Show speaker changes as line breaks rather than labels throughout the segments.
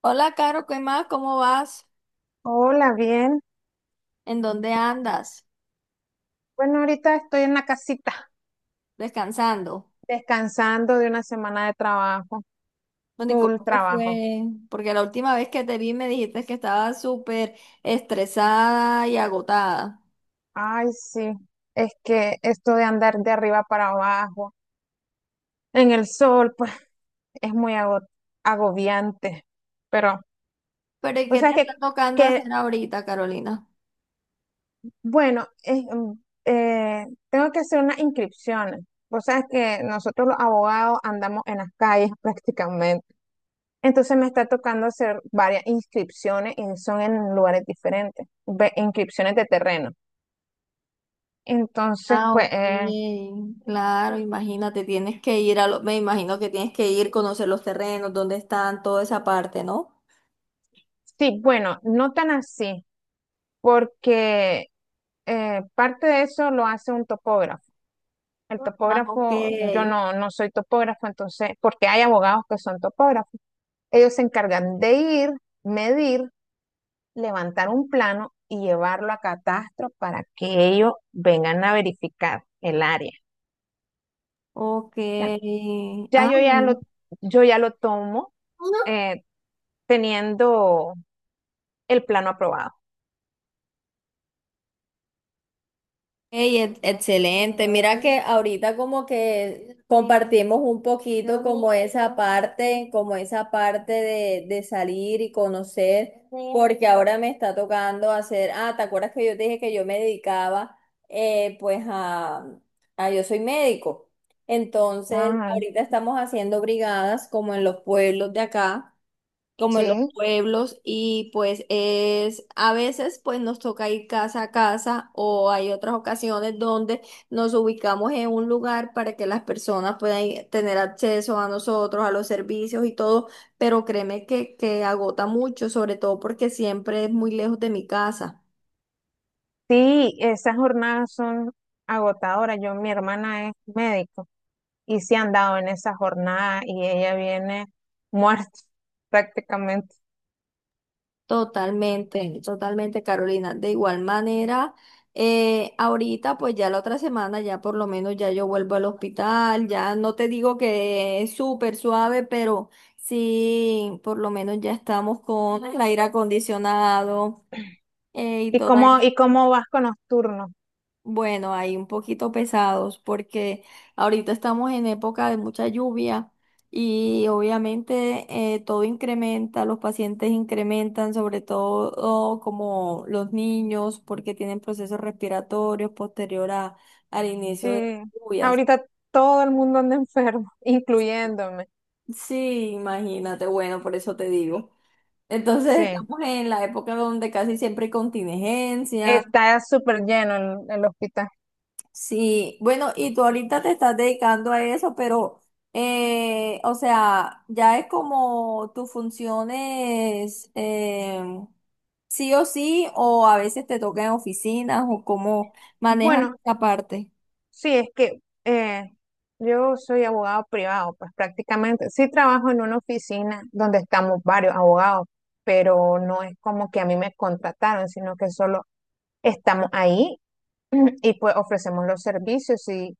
Hola, Caro, ¿qué más? ¿Cómo vas?
Hola, bien.
¿En dónde andas?
Bueno, ahorita estoy en la casita,
¿Descansando?
descansando de una semana de trabajo,
Bueno, ¿y
full
cómo te
trabajo.
fue? Porque la última vez que te vi me dijiste que estabas súper estresada y agotada.
Ay, sí, es que esto de andar de arriba para abajo, en el sol, pues es muy agobiante. Pero,
¿Pero y
o
qué te
sea
está
que,
tocando hacer
que
ahorita, Carolina?
bueno, tengo que hacer unas inscripciones. Vos sabes que nosotros los abogados andamos en las calles prácticamente. Entonces me está tocando hacer varias inscripciones y son en lugares diferentes, inscripciones de terreno. Entonces,
Ah,
pues,
ok. Claro, imagínate, tienes que ir a me imagino que tienes que ir, conocer los terrenos, dónde están, toda esa parte, ¿no?
sí, bueno, no tan así, porque parte de eso lo hace un topógrafo. El
Ah, ok.
topógrafo, yo no, no soy topógrafo, entonces, porque hay abogados que son topógrafos. Ellos se encargan de ir, medir, levantar un plano y llevarlo a catastro para que ellos vengan a verificar el área.
Ok.
Ya
Ah,
yo ya
bueno.
lo, yo ya lo tomo eh, teniendo el plano aprobado.
Ey, excelente. Mira que ahorita como que compartimos un poquito como esa parte de salir y conocer, porque ahora me está tocando hacer, ah, ¿te acuerdas que yo te dije que yo me dedicaba pues yo soy médico. Entonces,
Ah,
ahorita estamos haciendo brigadas como en los pueblos de acá como en los
sí.
pueblos y pues es a veces pues nos toca ir casa a casa o hay otras ocasiones donde nos ubicamos en un lugar para que las personas tener acceso a nosotros, a los servicios y todo, pero créeme que agota mucho, sobre todo porque siempre es muy lejos de mi casa.
Sí, esas jornadas son agotadoras. Yo, mi hermana es médico y se han dado en esa jornada y ella viene muerta prácticamente.
Totalmente, totalmente, Carolina. De igual manera, ahorita, pues ya la otra semana, ya por lo menos ya yo vuelvo al hospital, ya no te digo que es súper suave, pero sí, por lo menos ya estamos con el aire acondicionado y
¿Y
todo.
cómo vas con los turnos?
Bueno, ahí un poquito pesados porque ahorita estamos en época de mucha lluvia y obviamente todo incrementa, los pacientes incrementan, sobre todo como los niños porque tienen procesos respiratorios posterior al inicio de las
Eh,
lluvias.
ahorita todo el mundo anda enfermo, incluyéndome.
Sí, imagínate, bueno, por eso te digo. Entonces
Sí,
estamos en la época donde casi siempre hay contingencia.
está súper lleno el hospital.
Sí, bueno, y tú ahorita te estás dedicando a eso, pero, o sea, ya es como tus funciones, sí o sí, o a veces te toca en oficinas, o cómo manejas
Bueno,
esa parte.
sí, es que yo soy abogado privado, pues prácticamente sí trabajo en una oficina donde estamos varios abogados, pero no es como que a mí me contrataron, sino que solo estamos ahí y pues ofrecemos los servicios y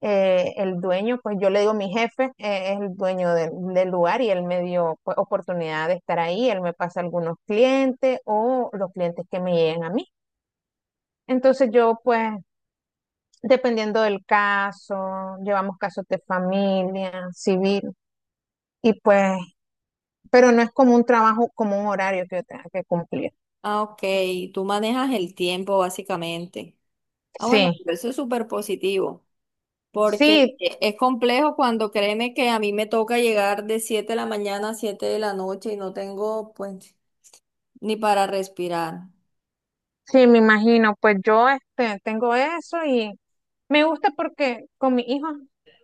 el dueño, pues yo le digo mi jefe, es el dueño del lugar y él me dio, pues, oportunidad de estar ahí, él me pasa algunos clientes o los clientes que me llegan a mí. Entonces yo, pues, dependiendo del caso, llevamos casos de familia, civil, y pues, pero no es como un trabajo, como un horario que yo tenga que cumplir.
Ah, ok, tú manejas el tiempo básicamente. Ah, bueno,
Sí,
pero eso es súper positivo, porque
sí,
es complejo cuando créeme que a mí me toca llegar de 7 de la mañana a 7 de la noche y no tengo, pues, ni para respirar.
sí, me imagino. Pues yo este, tengo eso y me gusta porque con mis hijos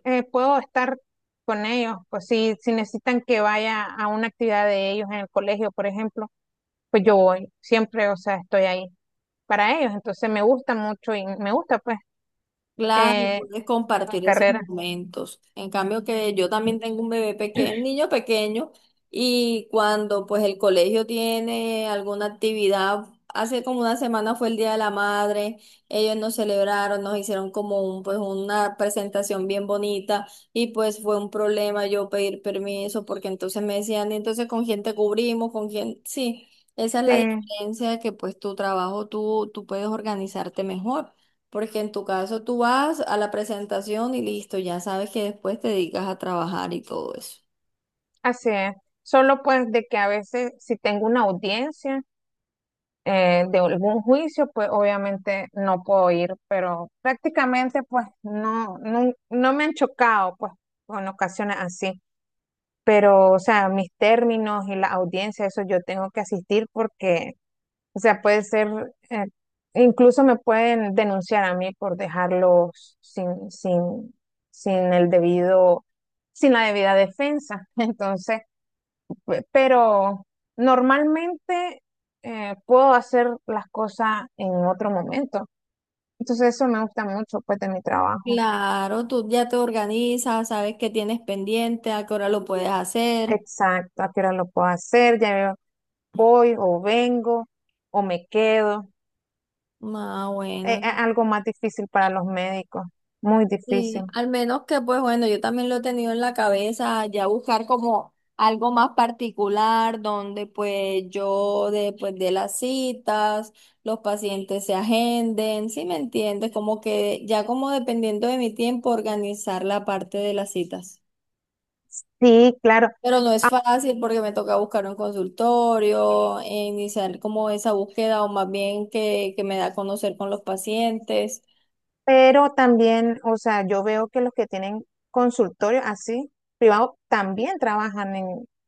puedo estar con ellos. Pues si necesitan que vaya a una actividad de ellos en el colegio, por ejemplo, pues yo voy, siempre, o sea, estoy ahí para ellos. Entonces me gusta mucho y me gusta, pues.
Claro,
eh,
puedes
mi
compartir esos
carrera.
momentos. En cambio que yo también tengo un bebé pequeño, un niño pequeño, y cuando pues el colegio tiene alguna actividad, hace como una semana fue el Día de la Madre, ellos nos celebraron, nos hicieron como un, pues una presentación bien bonita y pues fue un problema yo pedir permiso porque entonces me decían, "¿Y entonces con quién te cubrimos, con quién, sí, esa es
Sí,
la diferencia que pues tu trabajo tú, puedes organizarte mejor. Porque en tu caso tú vas a la presentación y listo, ya sabes que después te dedicas a trabajar y todo eso.
así es. Solo pues de que a veces si tengo una audiencia de algún juicio, pues obviamente no puedo ir, pero prácticamente pues no me han chocado pues con ocasiones así. Pero, o sea, mis términos y la audiencia, eso yo tengo que asistir porque o sea, puede ser, eh, incluso me pueden denunciar a mí por dejarlos sin el debido, sin la debida defensa. Entonces, pero normalmente puedo hacer las cosas en otro momento. Entonces, eso me gusta mucho, pues, de mi trabajo.
Claro, tú ya te organizas, sabes qué tienes pendiente, a qué hora lo puedes hacer.
Exacto, a qué hora lo puedo hacer, ya veo, voy o vengo o me quedo.
Ah,
Es
bueno,
algo más difícil para los médicos, muy
sí,
difícil.
al menos que pues bueno, yo también lo he tenido en la cabeza, ya buscar como algo más particular donde pues yo después de las citas, los pacientes se agenden, ¿sí me entiendes? Como que ya como dependiendo de mi tiempo organizar la parte de las citas.
Sí, claro.
Pero no es
Ah,
fácil porque me toca buscar un consultorio, e iniciar como esa búsqueda o más bien que me da a conocer con los pacientes.
pero también, o sea, yo veo que los que tienen consultorios así privados también trabajan en,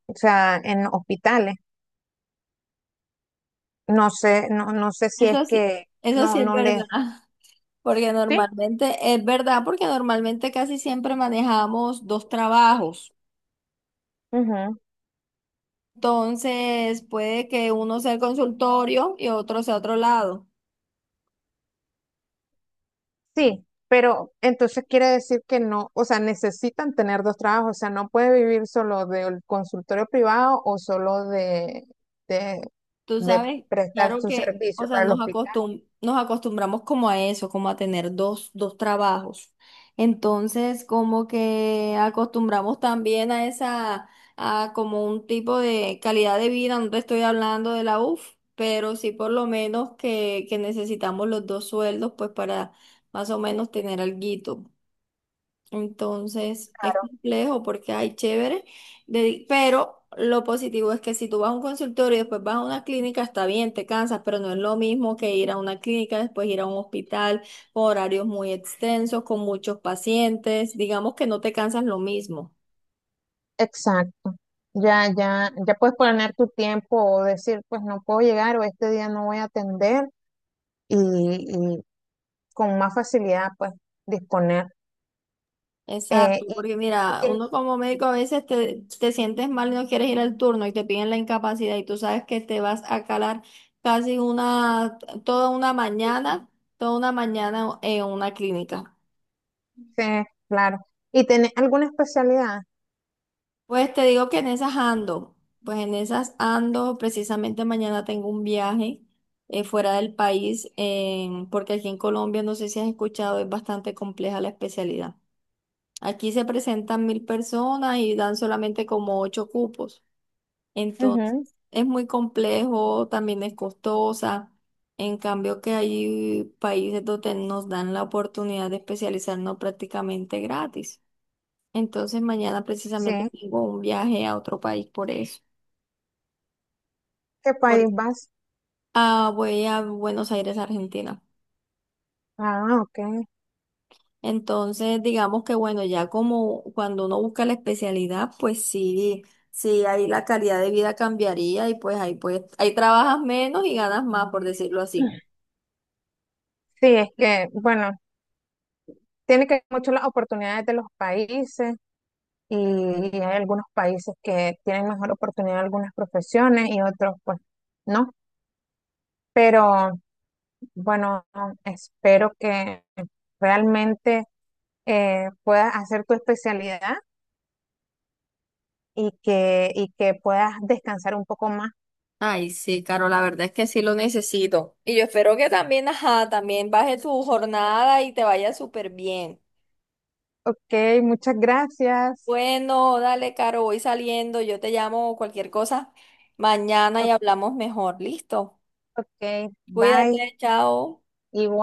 o sea, en hospitales. No sé, no sé si es
Eso sí,
que
eso sí es
no les.
verdad. Porque
Sí,
normalmente, es verdad, porque normalmente casi siempre manejamos dos trabajos.
ujú.
Entonces, puede que uno sea el consultorio y otro sea otro lado.
Sí, pero entonces quiere decir que no, o sea, necesitan tener 2 trabajos, o sea, no puede vivir solo del consultorio privado o solo de,
Tú
de
sabes,
prestar
claro
su
que, o
servicio
sea,
para el hospital.
nos acostumbramos como a eso, como a tener dos trabajos. Entonces, como que acostumbramos también a esa, a como un tipo de calidad de vida, no te estoy hablando de la UF, pero sí por lo menos que necesitamos los dos sueldos, pues para más o menos tener alguito. Entonces es
Claro,
complejo porque hay chévere, pero lo positivo es que si tú vas a un consultorio y después vas a una clínica, está bien, te cansas, pero no es lo mismo que ir a una clínica, después ir a un hospital con horarios muy extensos, con muchos pacientes, digamos que no te cansas lo mismo.
exacto. Ya, ya, ya puedes poner tu tiempo o decir, pues no puedo llegar o este día no voy a atender y, y con más facilidad, pues, disponer. Eh,
Exacto,
y,
porque
y
mira,
ten-
uno como médico a veces te sientes mal y no quieres ir al turno y te piden la incapacidad y tú sabes que te vas a calar casi una, toda una mañana, toda una mañana en una clínica.
sí, claro. ¿Y tenés alguna especialidad?
Pues te digo que en esas ando, pues en esas ando, precisamente mañana tengo un viaje fuera del país, porque aquí en Colombia, no sé si has escuchado, es bastante compleja la especialidad. Aquí se presentan 1.000 personas y dan solamente como ocho cupos. Entonces,
Ujú.
es muy complejo, también es costosa. En cambio, que hay países donde nos dan la oportunidad de especializarnos prácticamente gratis. Entonces, mañana
Sí.
precisamente tengo un viaje a otro país por eso.
¿Qué
Por,
país vas?
ah, voy a Buenos Aires, Argentina.
Ah, ok.
Entonces, digamos que bueno, ya como cuando uno busca la especialidad, pues sí, sí, ahí la calidad de vida cambiaría y pues, ahí trabajas menos y ganas más, por decirlo así.
Sí, es que, bueno, tiene que ver mucho las oportunidades de los países y hay algunos países que tienen mejor oportunidad de algunas profesiones y otros, pues, no. Pero bueno, espero que realmente puedas hacer tu especialidad y que puedas descansar un poco más.
Ay, sí, Caro, la verdad es que sí lo necesito. Y yo espero que también, ajá, también baje tu jornada y te vaya súper bien.
Ok, muchas gracias.
Bueno, dale, Caro, voy saliendo, yo te llamo cualquier cosa mañana y
Ok,
hablamos mejor. Listo.
ok,
Cuídate,
bye.
chao.
Igual.